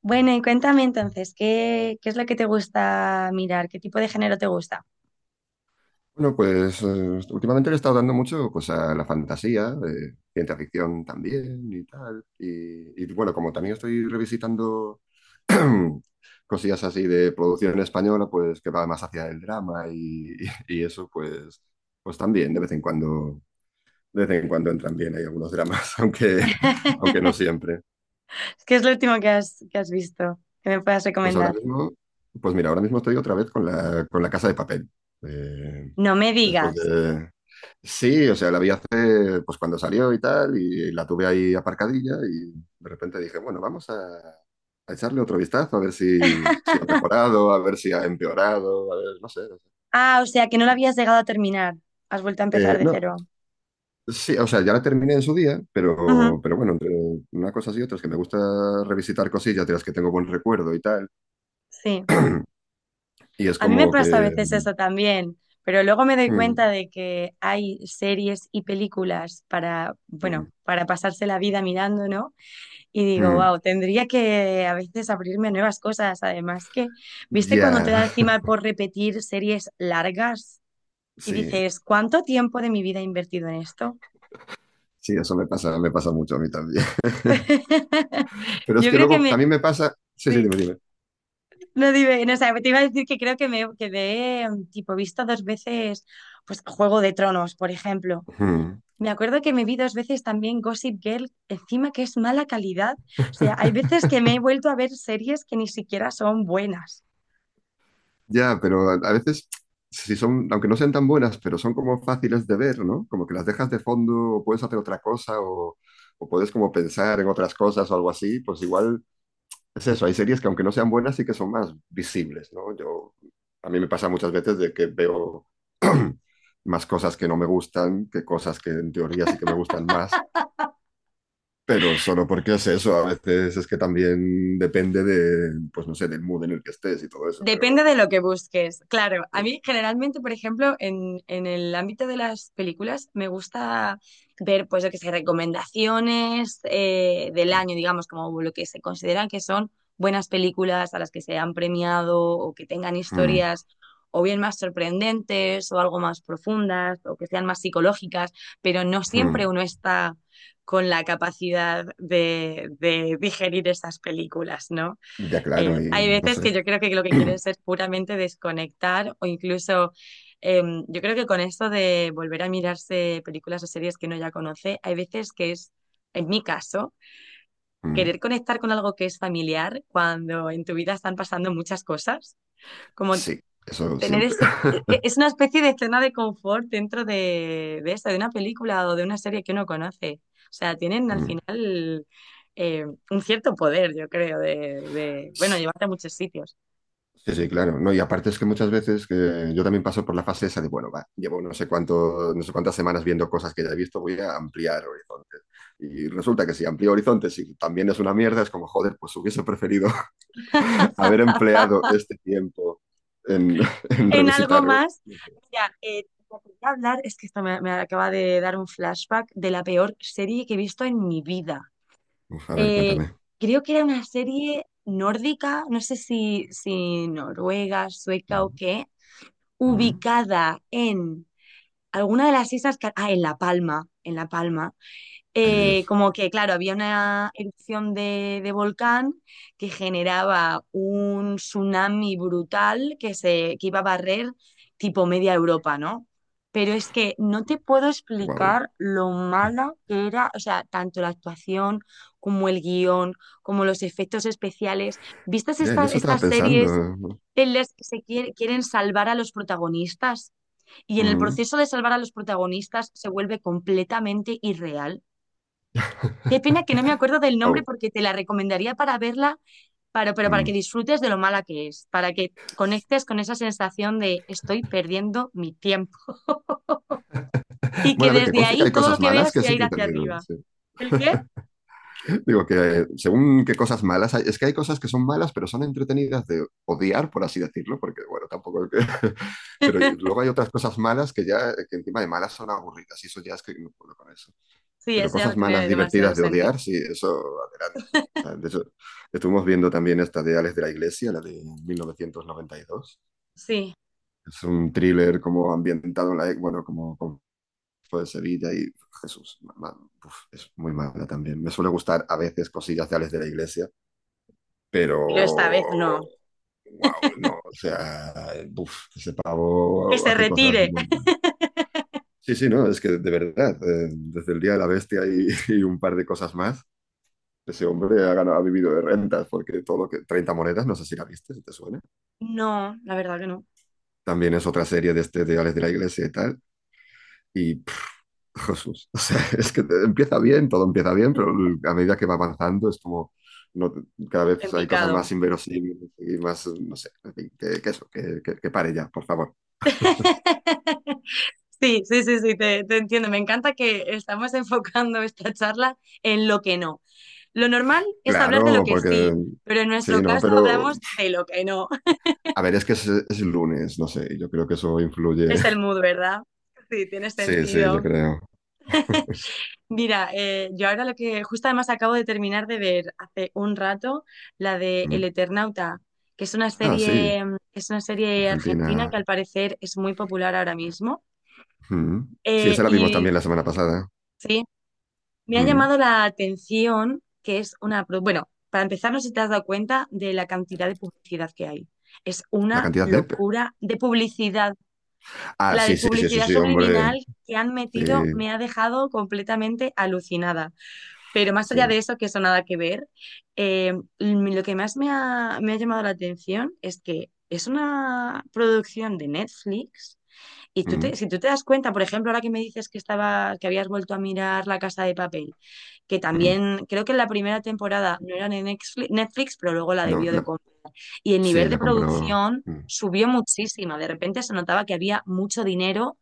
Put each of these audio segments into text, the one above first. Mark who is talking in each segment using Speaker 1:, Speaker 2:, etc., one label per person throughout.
Speaker 1: Bueno, y cuéntame entonces, ¿qué es lo que te gusta mirar? ¿Qué tipo de género te gusta?
Speaker 2: Bueno, pues últimamente le he estado dando mucho a la fantasía, ciencia ficción también y tal. Y bueno, como también estoy revisitando cosillas así de producción española, pues que va más hacia el drama y, y eso, pues, pues también de vez en cuando, de vez en cuando entran bien, hay algunos dramas, aunque, aunque no siempre.
Speaker 1: ¿Qué es lo último que has visto que me puedas
Speaker 2: Pues ahora
Speaker 1: recomendar?
Speaker 2: mismo, pues mira, ahora mismo estoy otra vez con la Casa de Papel. Eh,
Speaker 1: No me
Speaker 2: después
Speaker 1: digas.
Speaker 2: de, Sí, o sea, la vi hace, pues cuando salió y tal, y la tuve ahí aparcadilla y de repente dije, bueno, vamos a echarle otro vistazo, a ver si, si ha mejorado, a ver si ha empeorado, a ver, no sé.
Speaker 1: Ah, o sea, que no lo habías llegado a terminar. Has vuelto a empezar de
Speaker 2: No,
Speaker 1: cero.
Speaker 2: sí, o sea, ya la terminé en su día,
Speaker 1: Ujú,
Speaker 2: pero bueno, entre una cosa y otra es que me gusta revisitar cosillas de las que tengo buen recuerdo y tal,
Speaker 1: sí.
Speaker 2: y es
Speaker 1: A mí me
Speaker 2: como
Speaker 1: pasa a
Speaker 2: que...
Speaker 1: veces eso también, pero luego me doy
Speaker 2: mm,
Speaker 1: cuenta de que hay series y películas para, bueno,
Speaker 2: mm,
Speaker 1: para pasarse la vida mirando, ¿no? Y digo,
Speaker 2: mm,
Speaker 1: wow, tendría que a veces abrirme a nuevas cosas. Además que, ¿viste cuando te
Speaker 2: ya,
Speaker 1: da encima por repetir series largas? Y
Speaker 2: sí,
Speaker 1: dices, ¿cuánto tiempo de mi vida he invertido en esto?
Speaker 2: sí, eso me pasa mucho a mí también. Pero es
Speaker 1: Yo
Speaker 2: que
Speaker 1: creo que
Speaker 2: luego
Speaker 1: me...
Speaker 2: también me pasa... Sí,
Speaker 1: Sí,
Speaker 2: dime, dime.
Speaker 1: no dime, no, o sea, te iba a decir que creo que me he, tipo, visto dos veces, pues, Juego de Tronos, por ejemplo.
Speaker 2: Mm.
Speaker 1: Me acuerdo que me vi dos veces también Gossip Girl, encima que es mala calidad. O sea, hay veces que me he vuelto a ver series que ni siquiera son buenas.
Speaker 2: Ya, pero a veces, si son, aunque no sean tan buenas, pero son como fáciles de ver, ¿no? Como que las dejas de fondo o puedes hacer otra cosa o puedes como pensar en otras cosas o algo así, pues igual es eso. Hay series que aunque no sean buenas sí que son más visibles, ¿no? Yo, a mí me pasa muchas veces de que veo más cosas que no me gustan que cosas que en teoría sí que me gustan más. Pero solo porque es eso, a veces es que también depende de, pues no sé, del mood en el que estés y todo eso, pero...
Speaker 1: Depende de lo que busques. Claro, a
Speaker 2: eh,
Speaker 1: mí generalmente, por ejemplo, en el ámbito de las películas, me gusta ver, pues, yo que sé, recomendaciones del
Speaker 2: mm,
Speaker 1: año, digamos, como lo que se consideran que son buenas películas a las que se han premiado o que tengan historias o bien más sorprendentes o algo más profundas o que sean más psicológicas, pero no
Speaker 2: mm.
Speaker 1: siempre
Speaker 2: mm.
Speaker 1: uno está con la capacidad de digerir esas películas, ¿no?
Speaker 2: Ya claro,
Speaker 1: Hay
Speaker 2: y no
Speaker 1: veces
Speaker 2: sé.
Speaker 1: que yo creo que lo que quieres es puramente desconectar o incluso eh, yo creo que con esto de volver a mirarse películas o series que uno ya conoce, hay veces que es, en mi caso,
Speaker 2: Mm,
Speaker 1: querer conectar con algo que es familiar cuando en tu vida están pasando muchas cosas, como
Speaker 2: Sí, eso
Speaker 1: tener
Speaker 2: siempre.
Speaker 1: ese, es una especie de escena de confort dentro de eso, de una película o de una serie que uno conoce. O sea, tienen al
Speaker 2: Mm,
Speaker 1: final un cierto poder, yo creo, de bueno,
Speaker 2: s-
Speaker 1: llevarte a muchos sitios.
Speaker 2: Sí, sí, claro. No, y aparte es que muchas veces que yo también paso por la fase esa de, bueno, va, llevo no sé cuánto, no sé cuántas semanas viendo cosas que ya he visto, voy a ampliar horizontes. Y resulta que si amplío horizontes y también es una mierda, es como, joder, pues hubiese preferido haber empleado este tiempo en, en
Speaker 1: en algo
Speaker 2: revisitarlo.
Speaker 1: más. Mira, te quería hablar, es que esto me, me acaba de dar un flashback de la peor serie que he visto en mi vida.
Speaker 2: Uf, a ver,
Speaker 1: Eh,
Speaker 2: cuéntame.
Speaker 1: Creo que era una serie nórdica, no sé si noruega, sueca o
Speaker 2: Mm,
Speaker 1: qué,
Speaker 2: mm,
Speaker 1: ubicada en alguna de las islas, ah, en La Palma,
Speaker 2: Ay, Dios.
Speaker 1: como que, claro, había una erupción de volcán que generaba un tsunami brutal que, se, que iba a barrer tipo media Europa, ¿no? Pero es que no te puedo
Speaker 2: Wow.
Speaker 1: explicar lo mala que era, o sea, tanto la actuación como el guión, como los efectos especiales. ¿Vistas
Speaker 2: Ya, en eso estaba
Speaker 1: estas
Speaker 2: pensando.
Speaker 1: series
Speaker 2: ¿No?
Speaker 1: en las que se quieren salvar a los protagonistas? Y en el
Speaker 2: Mm.
Speaker 1: proceso de salvar a los protagonistas se vuelve completamente irreal. Qué pena que no me acuerdo del nombre
Speaker 2: Wow.
Speaker 1: porque te la recomendaría para verla, para, pero para
Speaker 2: Mm.
Speaker 1: que disfrutes de lo mala que es, para que conectes con esa sensación de estoy perdiendo mi tiempo y que
Speaker 2: Bueno, a ver, que
Speaker 1: desde
Speaker 2: conste que
Speaker 1: ahí
Speaker 2: hay
Speaker 1: todo lo
Speaker 2: cosas
Speaker 1: que
Speaker 2: malas
Speaker 1: veas
Speaker 2: que es
Speaker 1: sea ir hacia
Speaker 2: entretenido.
Speaker 1: arriba.
Speaker 2: Sí.
Speaker 1: ¿El qué?
Speaker 2: Digo que según qué cosas malas hay, es que hay cosas que son malas, pero son entretenidas de odiar, por así decirlo, porque bueno, tampoco es que- Pero luego hay otras cosas malas que ya, que encima de malas son aburridas, y eso ya es que no puedo con eso.
Speaker 1: Sí,
Speaker 2: Pero
Speaker 1: eso ya no
Speaker 2: cosas malas
Speaker 1: tiene demasiado
Speaker 2: divertidas de
Speaker 1: sentido.
Speaker 2: odiar, sí, eso adelante. O sea, de hecho, estuvimos viendo también esta de Ales de la Iglesia, la de 1992.
Speaker 1: Sí,
Speaker 2: Es un thriller como ambientado en la, bueno, como con por el Sevilla y Jesús, man, uf, es muy mala también. Me suele gustar a veces cosillas de Alex de la Iglesia, pero
Speaker 1: pero esta vez no.
Speaker 2: wow, no, o sea, uf, ese
Speaker 1: Que
Speaker 2: pavo
Speaker 1: se
Speaker 2: hace cosas
Speaker 1: retire.
Speaker 2: muy mal. Sí, sí, no, es que de verdad, desde el Día de la Bestia y y un par de cosas más, ese hombre ha,
Speaker 1: Guau.
Speaker 2: ganado, ha vivido de rentas, porque todo lo que... 30 monedas, no sé si la viste, si te suena.
Speaker 1: No, la verdad que no.
Speaker 2: También es otra serie de este de Alex de la Iglesia y tal. Y Jesús. O sea, es que te- empieza bien, todo empieza bien, pero l- a medida que va avanzando es como no, cada
Speaker 1: En
Speaker 2: vez hay cosas más
Speaker 1: picado.
Speaker 2: inverosímiles y más, no sé, en fin, que que pare ya, por favor.
Speaker 1: Sí, sí, sí, sí, te entiendo. Me encanta que estamos enfocando esta charla en lo que no. Lo normal es hablar de lo
Speaker 2: Claro,
Speaker 1: que
Speaker 2: porque
Speaker 1: sí, pero en
Speaker 2: sí,
Speaker 1: nuestro
Speaker 2: ¿no?
Speaker 1: caso
Speaker 2: Pero
Speaker 1: hablamos de lo que no.
Speaker 2: a ver, es que es lunes, no sé, yo creo que eso influye.
Speaker 1: Es el mood, ¿verdad? Sí, tiene
Speaker 2: Sí, sí, yo
Speaker 1: sentido.
Speaker 2: creo.
Speaker 1: Mira, yo ahora lo que justo además acabo de terminar de ver hace un rato, la de El
Speaker 2: Mm.
Speaker 1: Eternauta, que es una
Speaker 2: Ah, sí,
Speaker 1: serie, mm, es una serie argentina que
Speaker 2: Argentina.
Speaker 1: al parecer es muy popular ahora mismo.
Speaker 2: Mm. Sí, esa la vimos
Speaker 1: Y
Speaker 2: también la semana pasada.
Speaker 1: sí. Me ha
Speaker 2: Mm.
Speaker 1: llamado la atención que es una... Bueno, para empezar, no sé si te has dado cuenta de la cantidad de publicidad que hay. Es
Speaker 2: La
Speaker 1: una
Speaker 2: cantidad de...
Speaker 1: locura de publicidad.
Speaker 2: Ah,
Speaker 1: La de
Speaker 2: sí, sí, sí, sí,
Speaker 1: publicidad
Speaker 2: sí, hombre.
Speaker 1: subliminal que han
Speaker 2: Sí,
Speaker 1: metido me ha dejado completamente alucinada. Pero más allá de
Speaker 2: sí.
Speaker 1: eso, que eso nada que ver, eh, mm, lo que más me ha llamado la atención es que es una producción de Netflix y tú te,
Speaker 2: Mm.
Speaker 1: si tú te das cuenta, por ejemplo, ahora que me dices que estaba, que habías vuelto a mirar La Casa de Papel, que
Speaker 2: Mm.
Speaker 1: también creo que en la primera temporada no era de Netflix, pero luego la
Speaker 2: No,
Speaker 1: debió de
Speaker 2: la-
Speaker 1: comprar. Y el nivel
Speaker 2: sí,
Speaker 1: de
Speaker 2: la compró.
Speaker 1: producción
Speaker 2: Mm,
Speaker 1: subió muchísimo. De repente se notaba que había mucho dinero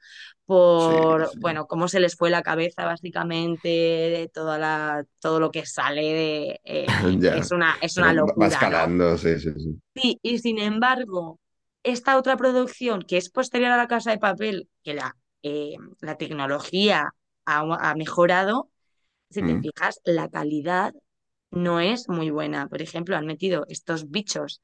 Speaker 2: sí,
Speaker 1: por,
Speaker 2: sí.
Speaker 1: bueno, cómo se les fue la cabeza básicamente, de toda la, todo lo que sale de,
Speaker 2: Ya.
Speaker 1: es
Speaker 2: Que
Speaker 1: una
Speaker 2: va, va
Speaker 1: locura, ¿no?
Speaker 2: escalando, sí, sí, sí.
Speaker 1: Sí, y sin embargo, esta otra producción que es posterior a La Casa de Papel, que la, eh, la tecnología ha, ha mejorado, si te
Speaker 2: Mm,
Speaker 1: fijas, la calidad no es muy buena. Por ejemplo, han metido estos bichos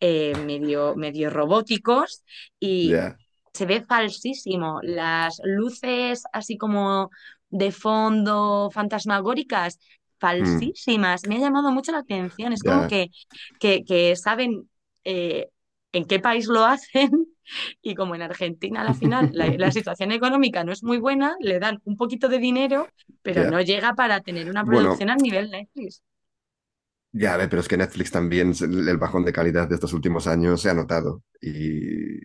Speaker 1: medio, medio robóticos y
Speaker 2: ya.
Speaker 1: se ve falsísimo. Las luces así como de fondo, fantasmagóricas,
Speaker 2: Mm,
Speaker 1: falsísimas. Me ha llamado mucho la atención. Es como
Speaker 2: ya.
Speaker 1: que, que saben eh, en qué país lo hacen y como en Argentina a la final la, la situación económica no es muy buena, le dan un poquito de dinero, pero
Speaker 2: Ya.
Speaker 1: no llega para tener una
Speaker 2: Bueno,
Speaker 1: producción al nivel Netflix.
Speaker 2: ya, a ver, pero es que Netflix también, se- el bajón de calidad de estos últimos años se ha notado.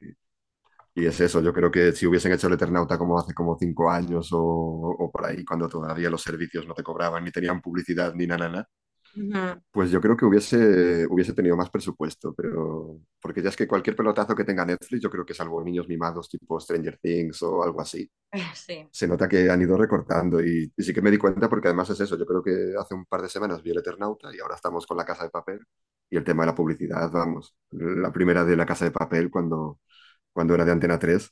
Speaker 2: Y es eso, yo creo que si hubiesen hecho el Eternauta como hace como 5 años o por ahí, cuando todavía los servicios no te cobraban, ni tenían publicidad, ni nada,
Speaker 1: Ujú.
Speaker 2: pues yo creo que hubiese, hubiese tenido más presupuesto, pero porque ya es que cualquier pelotazo que tenga Netflix, yo creo que salvo niños mimados tipo Stranger Things o algo así,
Speaker 1: Sí.
Speaker 2: se nota que han ido recortando y sí que me di cuenta porque además es eso, yo creo que hace un par de semanas vi El Eternauta y ahora estamos con La Casa de Papel y el tema de la publicidad, vamos, la primera de La Casa de Papel cuando, cuando era de Antena 3,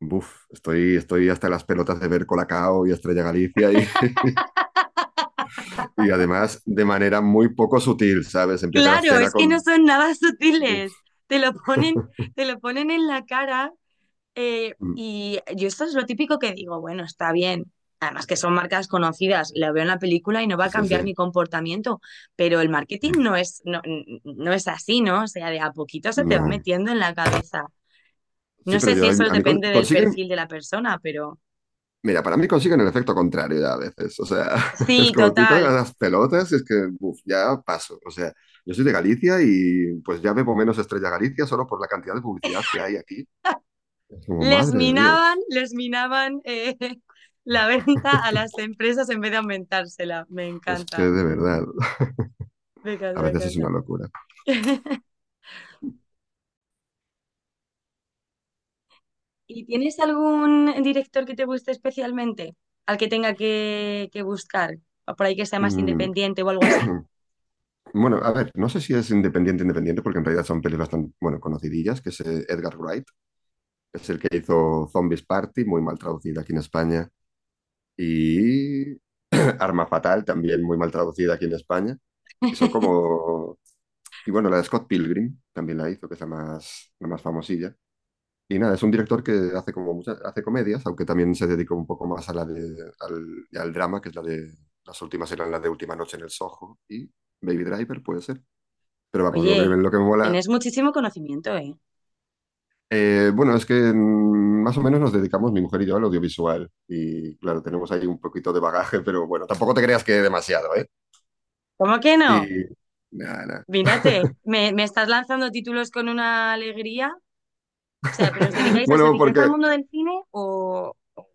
Speaker 2: buf, estoy, estoy hasta las pelotas de ver Colacao y Estrella Galicia y, y además de manera muy poco sutil, ¿sabes? Empieza la
Speaker 1: Claro,
Speaker 2: escena
Speaker 1: es que no
Speaker 2: con...
Speaker 1: son nada sutiles. Te lo ponen, te lo ponen en la cara.
Speaker 2: Mm,
Speaker 1: Y yo esto es lo típico que digo, bueno, está bien. Además que son marcas conocidas, la veo en la película y no va a
Speaker 2: sí, sí, sí.
Speaker 1: cambiar mi comportamiento, pero el marketing
Speaker 2: Mm,
Speaker 1: no es, no, no es así, ¿no? O sea, de a poquito se te va
Speaker 2: no.
Speaker 1: metiendo en la cabeza.
Speaker 2: Sí,
Speaker 1: No
Speaker 2: pero
Speaker 1: sé si
Speaker 2: yo a mí,
Speaker 1: eso
Speaker 2: a mí con-
Speaker 1: depende del
Speaker 2: consiguen,
Speaker 1: perfil de la persona, pero
Speaker 2: mira, para mí consiguen el efecto contrario ya a veces. O sea, es
Speaker 1: sí,
Speaker 2: como estoy tan a
Speaker 1: total.
Speaker 2: las pelotas y es que, uf, ya paso. O sea, yo soy de Galicia y pues ya bebo menos Estrella Galicia solo por la cantidad de publicidad que hay aquí. Es como, madre de Dios.
Speaker 1: Les minaban la venta a las empresas en vez de aumentársela. Me
Speaker 2: Es que
Speaker 1: encanta,
Speaker 2: de verdad,
Speaker 1: me encanta,
Speaker 2: a
Speaker 1: me
Speaker 2: veces es
Speaker 1: encanta.
Speaker 2: una locura.
Speaker 1: ¿Y tienes algún director que te guste especialmente? Al que tenga que buscar, o por ahí que sea más
Speaker 2: Mm,
Speaker 1: independiente o algo así.
Speaker 2: Bueno, a ver, no sé si es independiente, independiente, porque en realidad son pelis bastante, bueno, conocidillas, que es Edgar Wright, es el que hizo Zombies Party, muy mal traducida aquí en España, y Arma Fatal, también muy mal traducida aquí en España. Y son como... Y bueno, la de Scott Pilgrim también la hizo, que es la más famosilla. Y nada, es un director que hace como muchas, hace comedias, aunque también se dedica un poco más a la de, al drama, que es la de... Las últimas eran la de Última Noche en el Soho y Baby Driver, puede ser. Pero vamos,
Speaker 1: Oye,
Speaker 2: lo que me mola...
Speaker 1: tienes muchísimo conocimiento, ¿eh?
Speaker 2: bueno, es que más o menos nos dedicamos, mi mujer y yo, al audiovisual. Y claro, tenemos ahí un poquito de bagaje, pero bueno, tampoco te creas que demasiado, ¿eh?
Speaker 1: ¿Cómo que no?
Speaker 2: Y nada, nada.
Speaker 1: Mírate, me estás lanzando títulos con una alegría. O sea, os
Speaker 2: Bueno,
Speaker 1: dedicáis al
Speaker 2: porque,
Speaker 1: mundo del cine o...?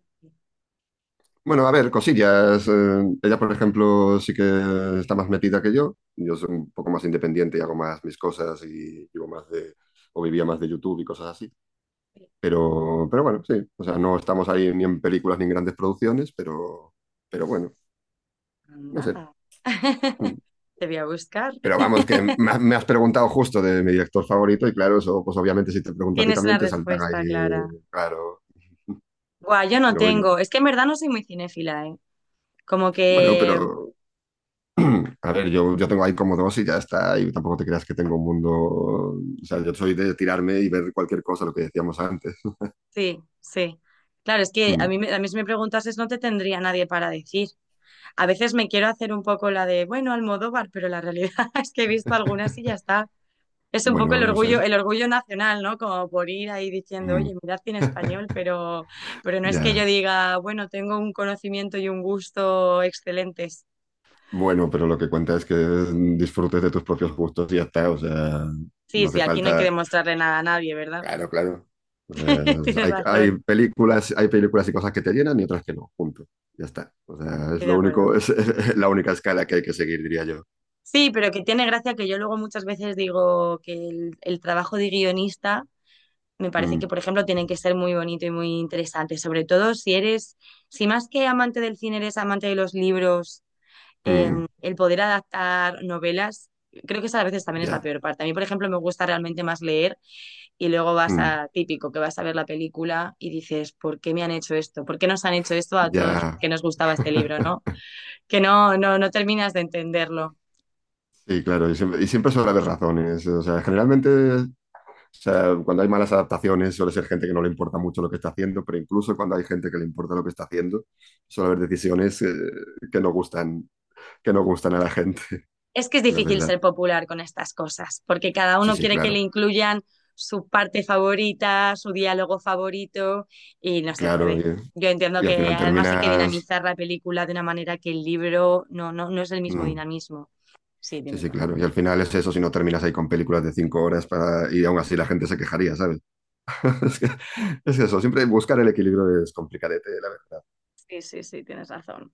Speaker 2: bueno, a ver, cosillas. Ella, por ejemplo, sí que está más metida que yo. Yo soy un poco más independiente y hago más mis cosas y vivo más de, o vivía más de YouTube y cosas así. Pero bueno, sí. O sea, no estamos ahí ni en películas ni en grandes producciones, pero bueno, no sé.
Speaker 1: Anda.
Speaker 2: Mm.
Speaker 1: Te voy a buscar.
Speaker 2: Pero vamos, que me has preguntado justo de mi director favorito y claro, eso, pues obviamente si te pregunto a ti
Speaker 1: Tienes una
Speaker 2: también te saltan ahí,
Speaker 1: respuesta, Clara.
Speaker 2: claro.
Speaker 1: Buah, yo no
Speaker 2: Pero bueno,
Speaker 1: tengo. Es que en verdad no soy muy cinéfila, ¿eh? Como
Speaker 2: bueno,
Speaker 1: que
Speaker 2: pero A ver, yo tengo ahí como dos y ya está, y tampoco te creas que tengo un mundo, o sea, yo soy de tirarme y ver cualquier cosa, lo que decíamos antes.
Speaker 1: Sí, sí. Claro, es que a
Speaker 2: Mm.
Speaker 1: mí, a mí si me preguntases no te tendría nadie para decir. A veces me quiero hacer un poco la de, bueno, Almodóvar, pero la realidad es que he visto algunas y ya está. Es un poco
Speaker 2: Bueno, no sé.
Speaker 1: el orgullo nacional, ¿no? Como por ir ahí diciendo,
Speaker 2: Mm,
Speaker 1: oye, mirad cine español, pero no es que yo
Speaker 2: ya.
Speaker 1: diga, bueno, tengo un conocimiento y un gusto excelentes.
Speaker 2: Bueno, pero lo que cuenta es que disfrutes de tus propios gustos y ya está. O sea,
Speaker 1: Sí,
Speaker 2: no
Speaker 1: sí,
Speaker 2: hace
Speaker 1: aquí no hay que
Speaker 2: falta.
Speaker 1: demostrarle nada a nadie, ¿verdad?
Speaker 2: Claro, claro. O sea,
Speaker 1: Tienes razón,
Speaker 2: hay películas y cosas que te llenan y otras que no. Punto. Ya está. O sea, es
Speaker 1: estoy de
Speaker 2: lo
Speaker 1: acuerdo.
Speaker 2: único, es, la única escala que hay que seguir, diría yo.
Speaker 1: Sí, pero que tiene gracia que yo luego muchas veces digo que el trabajo de guionista me parece que,
Speaker 2: Mm,
Speaker 1: por ejemplo, tienen que ser muy bonito y muy interesante, sobre todo si eres, si más que amante del cine eres amante de los libros, eh,
Speaker 2: mm,
Speaker 1: el poder adaptar novelas, creo que esa a veces también es la
Speaker 2: ya.
Speaker 1: peor parte. A mí, por ejemplo, me gusta realmente más leer y luego vas
Speaker 2: mm,
Speaker 1: a típico, que vas a ver la película y dices, ¿por qué me han hecho esto? ¿Por qué nos han hecho esto a todos los
Speaker 2: ya.
Speaker 1: que nos gustaba este libro, no? Que no, no, no terminas de entenderlo.
Speaker 2: Sí, claro, y siempre suele haber razones. O sea, generalmente, o sea, cuando hay malas adaptaciones, suele ser gente que no le importa mucho lo que está haciendo, pero incluso cuando hay gente que le importa lo que está haciendo, suele haber decisiones que no gustan, que no gustan a la gente,
Speaker 1: Es que es
Speaker 2: la
Speaker 1: difícil
Speaker 2: verdad.
Speaker 1: ser popular con estas cosas, porque cada
Speaker 2: Sí,
Speaker 1: uno
Speaker 2: sí,
Speaker 1: quiere que le
Speaker 2: claro,
Speaker 1: incluyan su parte favorita, su diálogo favorito, y no se
Speaker 2: claro.
Speaker 1: puede. Yo entiendo
Speaker 2: Y al
Speaker 1: que
Speaker 2: final
Speaker 1: además hay que
Speaker 2: terminas.
Speaker 1: dinamizar la película de una manera que el libro no, no, no es el mismo
Speaker 2: mm,
Speaker 1: dinamismo. Sí,
Speaker 2: sí,
Speaker 1: tienes
Speaker 2: sí,
Speaker 1: razón.
Speaker 2: claro. Y al final es eso, si no terminas ahí con películas de 5 horas para, y aún así la gente se quejaría, ¿sabes? Es que- es eso, siempre buscar el equilibrio es complicadete, la verdad.
Speaker 1: Sí, sí, sí, tienes razón.